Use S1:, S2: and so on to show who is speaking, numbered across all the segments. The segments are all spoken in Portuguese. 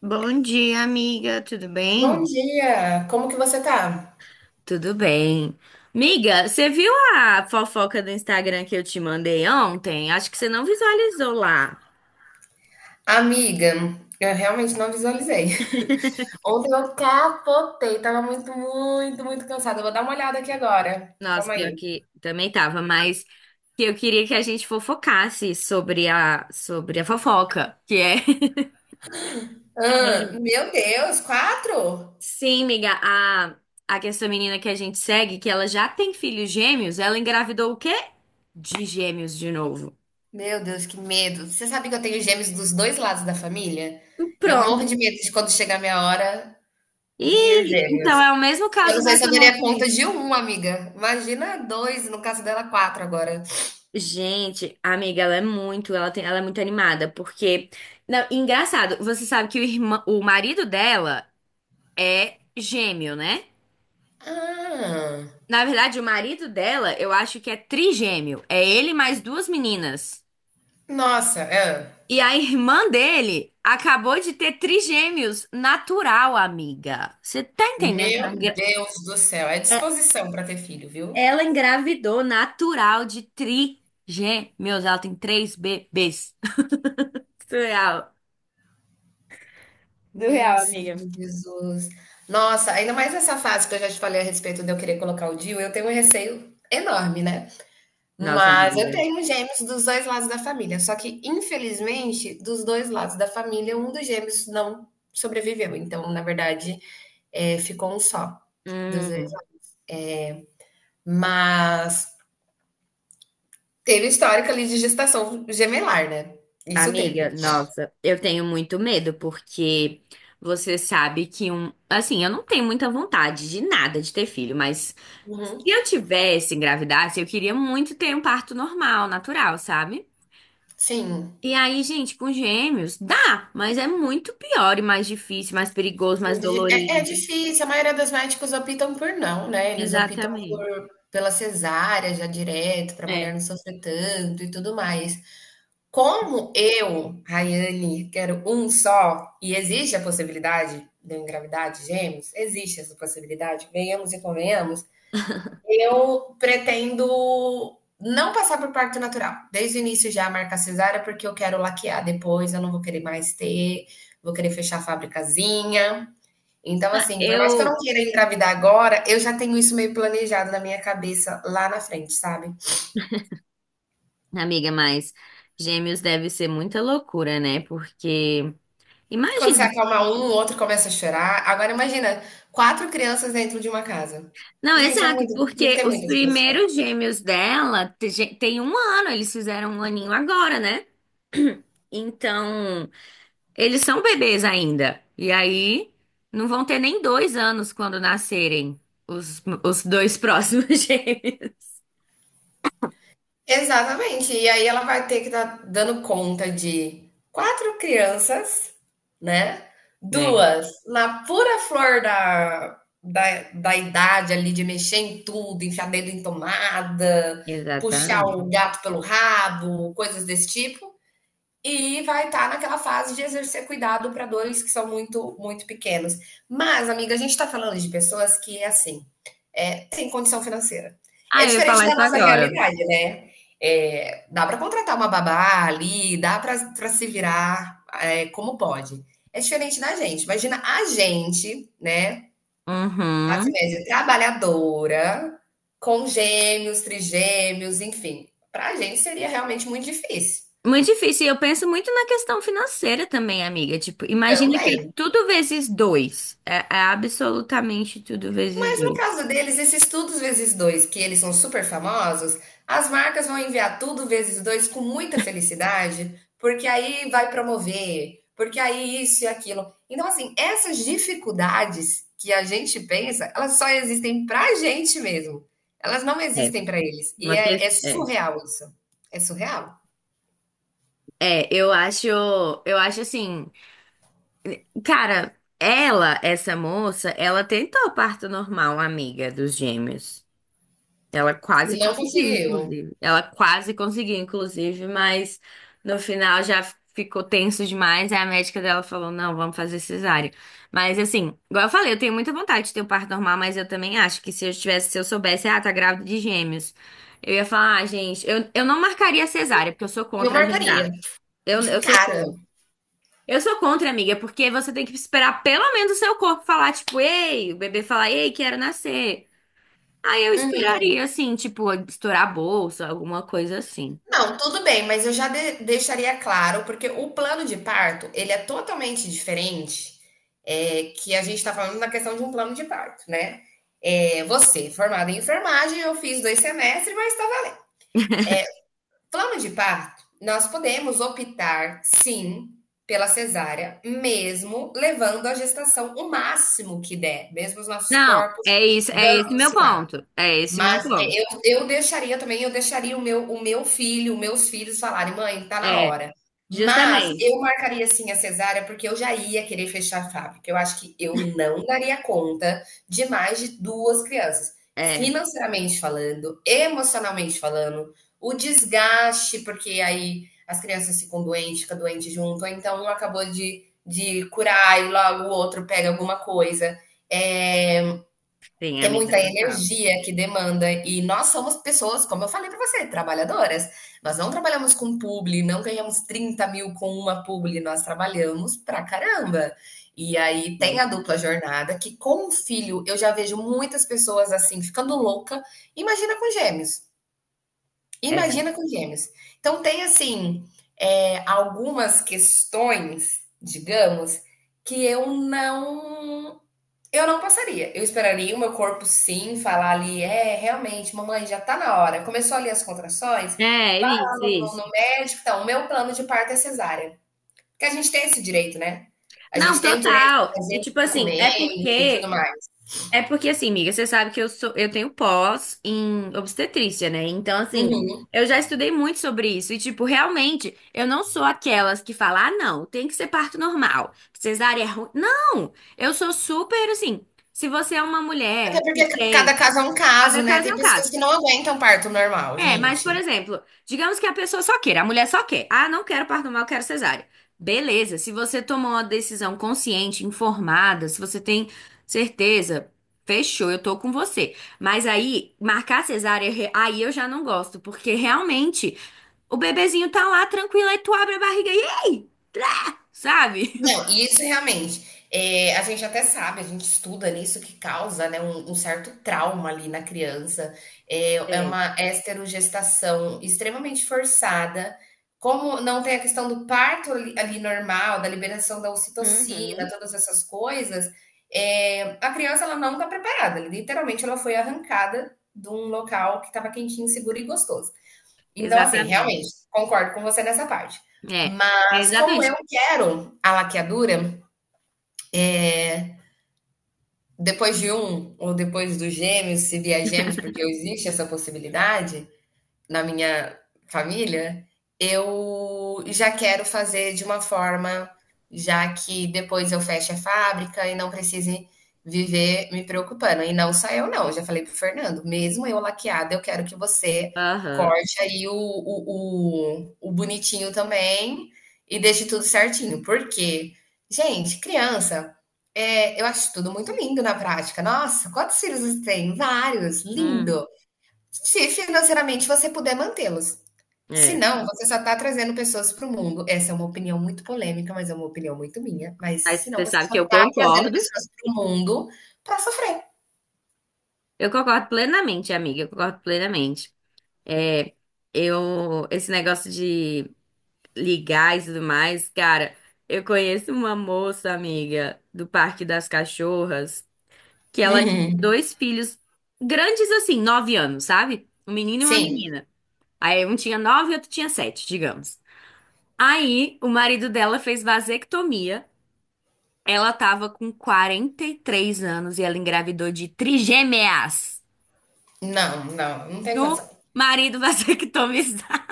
S1: Bom dia, amiga. Tudo
S2: Bom
S1: bem?
S2: dia, como que você tá?
S1: Tudo bem. Amiga, você viu a fofoca do Instagram que eu te mandei ontem? Acho que você não visualizou lá.
S2: Amiga, eu realmente não visualizei. Ontem eu capotei, tava muito, muito, muito cansada. Eu vou dar uma olhada aqui agora.
S1: Nossa,
S2: Calma
S1: pior
S2: aí.
S1: que também tava, mas que eu queria que a gente fofocasse sobre a fofoca, que é
S2: Hã, meu Deus, quatro?
S1: Sim, amiga. a que essa menina que a gente segue, que ela já tem filhos gêmeos, ela engravidou o quê? De gêmeos de novo.
S2: Meu Deus, que medo. Você sabe que eu tenho gêmeos dos dois lados da família? E eu
S1: Pronto.
S2: morro de medo de quando chegar a minha hora vir
S1: E
S2: gêmeos.
S1: então é o mesmo
S2: Eu não
S1: caso
S2: sei se eu
S1: dessa
S2: daria
S1: moça aí.
S2: conta de um, amiga. Imagina dois, no caso dela, quatro agora.
S1: Gente, amiga, ela é muito, ela tem, ela é muito animada, porque, não, engraçado, você sabe que o marido dela é gêmeo, né?
S2: Ah,
S1: Na verdade, o marido dela, eu acho que é trigêmeo. É ele mais duas meninas.
S2: nossa, é.
S1: E a irmã dele acabou de ter trigêmeos natural, amiga. Você tá entendendo que ela,
S2: Meu Deus do céu, é
S1: é-
S2: disposição para ter filho, viu?
S1: ela engravidou natural de trigêmeos? Ela tem três bebês. Surreal.
S2: Meu
S1: Surreal, amiga.
S2: Senhor Jesus. Nossa, ainda mais nessa fase que eu já te falei a respeito de eu querer colocar o DIU, eu tenho um receio enorme, né?
S1: Nossa,
S2: Mas eu
S1: amiga.
S2: tenho gêmeos dos 2 lados da família, só que infelizmente dos 2 lados da família, um dos gêmeos não sobreviveu, então na verdade, ficou um só, dos 2.
S1: Hum,
S2: Mas teve histórico ali de gestação gemelar, né? Isso
S1: amiga,
S2: teve.
S1: nossa, eu tenho muito medo porque você sabe que assim, eu não tenho muita vontade de nada de ter filho, mas se
S2: Uhum.
S1: eu tivesse engravidasse, eu queria muito ter um parto normal, natural, sabe?
S2: Sim.
S1: E aí, gente, com gêmeos dá, mas é muito pior e mais difícil, mais perigoso, mais
S2: Muito di é
S1: dolorido.
S2: difícil, a maioria dos médicos optam por não, né, eles optam
S1: Exatamente.
S2: por pela cesárea já direto, para a mulher
S1: É.
S2: não sofrer tanto e tudo mais. Como eu, Rayane, quero um só e existe a possibilidade de eu engravidar de gêmeos, existe essa possibilidade, venhamos e convenhamos, eu pretendo não passar por parto natural, desde o início já marcar cesárea, porque eu quero laquear depois, eu não vou querer mais ter, vou querer fechar a fabricazinha. Então,
S1: Ah,
S2: assim, por mais que eu não
S1: eu,
S2: queira engravidar agora, eu já tenho isso meio planejado na minha cabeça lá na frente, sabe?
S1: amiga, mas gêmeos deve ser muita loucura, né? Porque
S2: Quando você
S1: imagina.
S2: acalma um, o outro começa a chorar. Agora imagina, 4 crianças dentro de uma casa.
S1: Não,
S2: Gente, é
S1: exato,
S2: muito, tem que
S1: porque
S2: ter
S1: os
S2: muita disposição.
S1: primeiros gêmeos dela tem 1 ano, eles fizeram 1 aninho agora, né? Então, eles são bebês ainda. E aí, não vão ter nem 2 anos quando nascerem os dois próximos gêmeos.
S2: Exatamente. E aí ela vai ter que estar dando conta de 4 crianças, né,
S1: É,
S2: duas na pura flor da idade ali de mexer em tudo, enfiar dedo em tomada, puxar o
S1: exatamente.
S2: gato pelo rabo, coisas desse tipo, e vai estar naquela fase de exercer cuidado para 2 que são muito, muito pequenos. Mas amiga, a gente está falando de pessoas que é assim, é, sem condição financeira. É
S1: Ah, eu ia
S2: diferente
S1: falar
S2: da
S1: isso
S2: nossa
S1: agora.
S2: realidade, né? É, dá para contratar uma babá ali, dá para se virar é, como pode. É diferente da gente. Imagina a gente, né? Classe
S1: Uhum.
S2: média trabalhadora, com gêmeos, trigêmeos, enfim. Para a gente seria realmente muito difícil
S1: Muito difícil. E eu penso muito na questão financeira também, amiga. Tipo, imagina que é
S2: também.
S1: tudo vezes dois. É, absolutamente tudo vezes
S2: Mas no
S1: dois.
S2: caso deles, esses tudo vezes dois, que eles são super famosos, as marcas vão enviar tudo vezes dois com muita felicidade, porque aí vai promover, porque aí isso e aquilo. Então, assim, essas dificuldades que a gente pensa, elas só existem pra gente mesmo. Elas não
S1: É,
S2: existem pra eles. E
S1: uma
S2: é,
S1: que
S2: é
S1: é.
S2: surreal isso. É surreal.
S1: É, eu acho assim, cara, ela, essa moça, ela tentou parto normal, amiga dos gêmeos. Ela quase
S2: E não
S1: conseguiu,
S2: conseguiu.
S1: inclusive. Ela quase conseguiu, inclusive, mas no final já ficou tenso demais. Aí a médica dela falou: não, vamos fazer cesárea. Mas assim, igual eu falei, eu tenho muita vontade de ter um parto normal, mas eu também acho que se eu tivesse, se eu soubesse, ah, tá grávida de gêmeos, eu ia falar, ah, gente, eu não marcaria cesárea, porque eu sou
S2: Eu
S1: contra
S2: marcaria,
S1: agendar. Eu,
S2: de
S1: eu sou
S2: cara.
S1: contra. Eu sou contra, amiga, porque você tem que esperar pelo menos o seu corpo falar, tipo, ei, o bebê falar, ei, quero nascer. Aí eu esperaria, assim, tipo, estourar a bolsa, alguma coisa assim.
S2: Não, tudo bem, mas eu já deixaria claro, porque o plano de parto, ele é totalmente diferente, é, que a gente está falando na questão de um plano de parto, né? É, você, formada em enfermagem, eu fiz dois semestres, mas estava... Plano de parto, nós podemos optar, sim, pela cesárea, mesmo levando a gestação o máximo que der, mesmo os nossos
S1: Não,
S2: corpos
S1: é isso, é esse
S2: dando
S1: meu
S2: sinal.
S1: ponto. É esse meu
S2: Mas é,
S1: ponto.
S2: eu deixaria também, eu deixaria o meu filho, os meus filhos falarem, mãe, tá na
S1: É,
S2: hora. Mas
S1: justamente.
S2: eu marcaria sim a cesárea, porque eu já ia querer fechar a fábrica. Eu acho que eu não daria conta de mais de duas crianças.
S1: É,
S2: Financeiramente falando, emocionalmente falando, o desgaste, porque aí as crianças ficam doentes, fica doente junto, ou então um acabou de curar e logo o outro pega alguma coisa. É,
S1: sim,
S2: é
S1: amiga,
S2: muita
S1: total.
S2: energia que demanda e nós somos pessoas, como eu falei para você, trabalhadoras. Nós não trabalhamos com publi, não ganhamos 30.000 com uma publi, nós trabalhamos pra caramba. E aí tem
S1: Hum,
S2: a dupla jornada, que com o filho eu já vejo muitas pessoas assim, ficando louca. Imagina com gêmeos,
S1: É,
S2: imagina com gêmeos. Então tem assim, é, algumas questões, digamos, que eu não passaria. Eu esperaria o meu corpo sim falar ali, é, realmente, mamãe, já tá na hora. Começou ali as contrações,
S1: é
S2: vai lá
S1: isso,
S2: no, no-
S1: isso.
S2: no médico. Então, o meu plano de parto é cesárea. Porque a gente tem esse direito, né? A
S1: Não,
S2: gente tem o direito de
S1: total.
S2: fazer
S1: E
S2: esse
S1: tipo assim,
S2: documento
S1: é
S2: e tudo
S1: porque
S2: mais.
S1: É porque assim, amiga, você sabe que eu tenho pós em obstetrícia, né? Então, assim,
S2: Uhum.
S1: eu já estudei muito sobre isso e tipo, realmente, eu não sou aquelas que falam, ah, não, tem que ser parto normal, cesárea é ruim. Não, eu sou super assim. Se você é uma
S2: Até
S1: mulher que
S2: porque cada
S1: tem,
S2: caso é um caso,
S1: cada
S2: né?
S1: caso é
S2: Tem
S1: um
S2: pessoas
S1: caso.
S2: que não aguentam parto normal,
S1: É, mas,
S2: gente.
S1: por exemplo, digamos que a pessoa só queira, a mulher só quer. Ah, não quero parto normal, quero cesárea. Beleza, se você tomou uma decisão consciente, informada, se você tem certeza, fechou, eu tô com você. Mas aí, marcar cesárea, aí eu já não gosto, porque realmente o bebezinho tá lá tranquilo, aí tu abre a barriga e ei, sabe?
S2: Não, e isso realmente, a gente até sabe, a gente estuda nisso que causa, né, um certo trauma ali na criança, é
S1: É.
S2: uma esterogestação extremamente forçada, como não tem a questão do parto ali normal, da liberação da ocitocina,
S1: Uhum.
S2: todas essas coisas, a criança ela não está preparada, literalmente ela foi arrancada de um local que estava quentinho, seguro e gostoso. Então, assim,
S1: Exatamente.
S2: realmente, concordo com você nessa parte.
S1: É,
S2: Mas como
S1: exatamente.
S2: eu quero a laqueadura, depois de um ou depois dos gêmeos, se vier gêmeos, porque existe essa possibilidade, na minha família, eu já quero fazer de uma forma já que depois eu fecho a fábrica e não precise viver me preocupando. E não só eu, não. Eu já falei pro Fernando, mesmo eu laqueada, eu quero que você
S1: Aham.
S2: corte aí o bonitinho também e deixe tudo certinho. Porque, gente, criança, é, eu acho tudo muito lindo na prática. Nossa, quantos filhos você tem? Vários,
S1: Hum,
S2: lindo. Se financeiramente você puder mantê-los. Se
S1: é.
S2: não, você só está trazendo pessoas para o mundo. Essa é uma opinião muito polêmica, mas é uma opinião muito minha. Mas se
S1: Mas
S2: não,
S1: você
S2: você
S1: sabe
S2: só
S1: que eu
S2: está trazendo
S1: concordo.
S2: pessoas para o mundo para sofrer.
S1: Eu concordo plenamente, amiga, eu concordo plenamente. É, eu, esse negócio de ligar e tudo mais, cara, eu conheço uma moça, amiga, do Parque das Cachorras, que ela tinha
S2: Uhum.
S1: dois filhos grandes assim, 9 anos, sabe? Um menino e uma
S2: Sim,
S1: menina. Aí um tinha 9 e outro tinha 7, digamos. Aí o marido dela fez vasectomia, ela tava com 43 anos e ela engravidou de trigêmeas,
S2: não, não, não tem condição.
S1: do marido vasectomizado.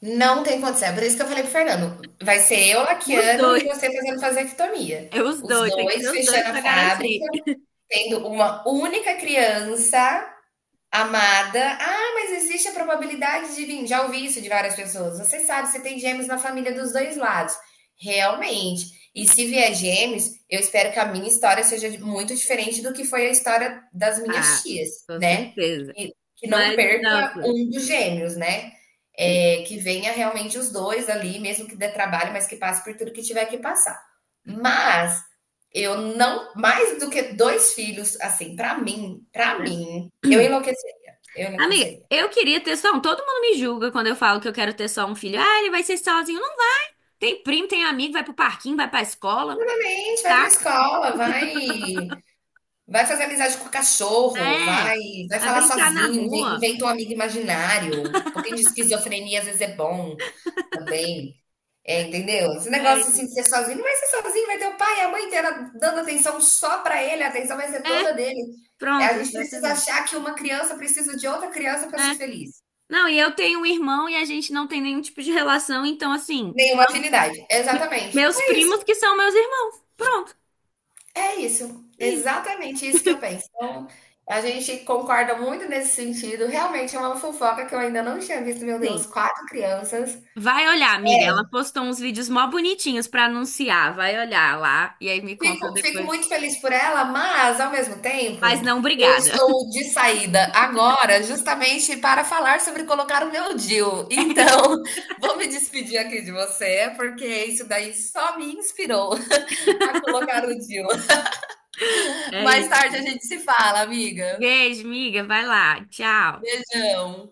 S2: Não tem condição. É por isso que eu falei pro Fernando. Vai ser eu
S1: Os
S2: Laquiano e
S1: dois,
S2: você fazendo vasectomia.
S1: é os
S2: Os
S1: dois, tem que
S2: dois
S1: ser os
S2: fechando
S1: dois
S2: a
S1: para
S2: fábrica,
S1: garantir.
S2: tendo uma única criança amada. Ah, mas existe a probabilidade de vir. Já ouvi isso de várias pessoas. Você sabe, você tem gêmeos na família dos dois lados. Realmente. E se vier gêmeos, eu espero que a minha história seja muito diferente do que foi a história das minhas
S1: Ah,
S2: tias,
S1: com
S2: né?
S1: certeza.
S2: Que não
S1: Mas,
S2: perca
S1: nossa.
S2: um dos gêmeos, né?
S1: e-
S2: É, que venha realmente os dois ali, mesmo que dê trabalho, mas que passe por tudo que tiver que passar. Mas eu não, mais do que dois filhos, assim, pra mim, para
S1: é.
S2: mim, eu enlouqueceria, eu
S1: Amiga,
S2: enlouqueceria.
S1: eu queria ter só um. Todo mundo me julga quando eu falo que eu quero ter só um filho. Ah, ele vai ser sozinho. Não, tem primo, tem amigo, vai pro parquinho, vai pra escola,
S2: A gente, vai pra
S1: tá?
S2: escola, vai vai fazer amizade com o cachorro,
S1: É.
S2: vai
S1: Vai
S2: falar
S1: brincar na
S2: sozinho,
S1: rua.
S2: inventa um amigo imaginário. Um pouquinho de esquizofrenia às vezes é bom também, é, entendeu? Esse
S1: É,
S2: negócio assim de ser sozinho, não vai ser sozinho, vai ter o pai e a mãe inteira dando atenção só pra ele, a atenção vai ser toda
S1: é,
S2: dele. É,
S1: pronto,
S2: a gente precisa
S1: exatamente.
S2: achar que uma criança precisa de outra criança pra ser
S1: É.
S2: feliz.
S1: Não, e eu tenho um irmão e a gente não tem nenhum tipo de relação, então assim.
S2: Nenhuma afinidade. Exatamente.
S1: Meus
S2: É
S1: primos
S2: isso.
S1: que são meus irmãos. Pronto,
S2: É isso,
S1: é isso.
S2: exatamente isso que eu penso. Então, a gente concorda muito nesse sentido. Realmente é uma fofoca que eu ainda não tinha visto, meu Deus,
S1: Sim.
S2: quatro crianças.
S1: Vai olhar, amiga. Ela postou uns vídeos mó bonitinhos pra anunciar. Vai olhar lá e aí me conta
S2: Fico
S1: depois.
S2: muito feliz por ela, mas ao mesmo tempo,
S1: Mas não,
S2: eu
S1: obrigada.
S2: estou de saída agora, justamente para falar sobre colocar o meu DIU.
S1: É
S2: Então, vou me despedir aqui de você, porque isso daí só me inspirou a colocar o DIU.
S1: isso. É
S2: Mais
S1: isso.
S2: tarde a gente se fala, amiga.
S1: Beijo, amiga. Vai lá. Tchau.
S2: Beijão.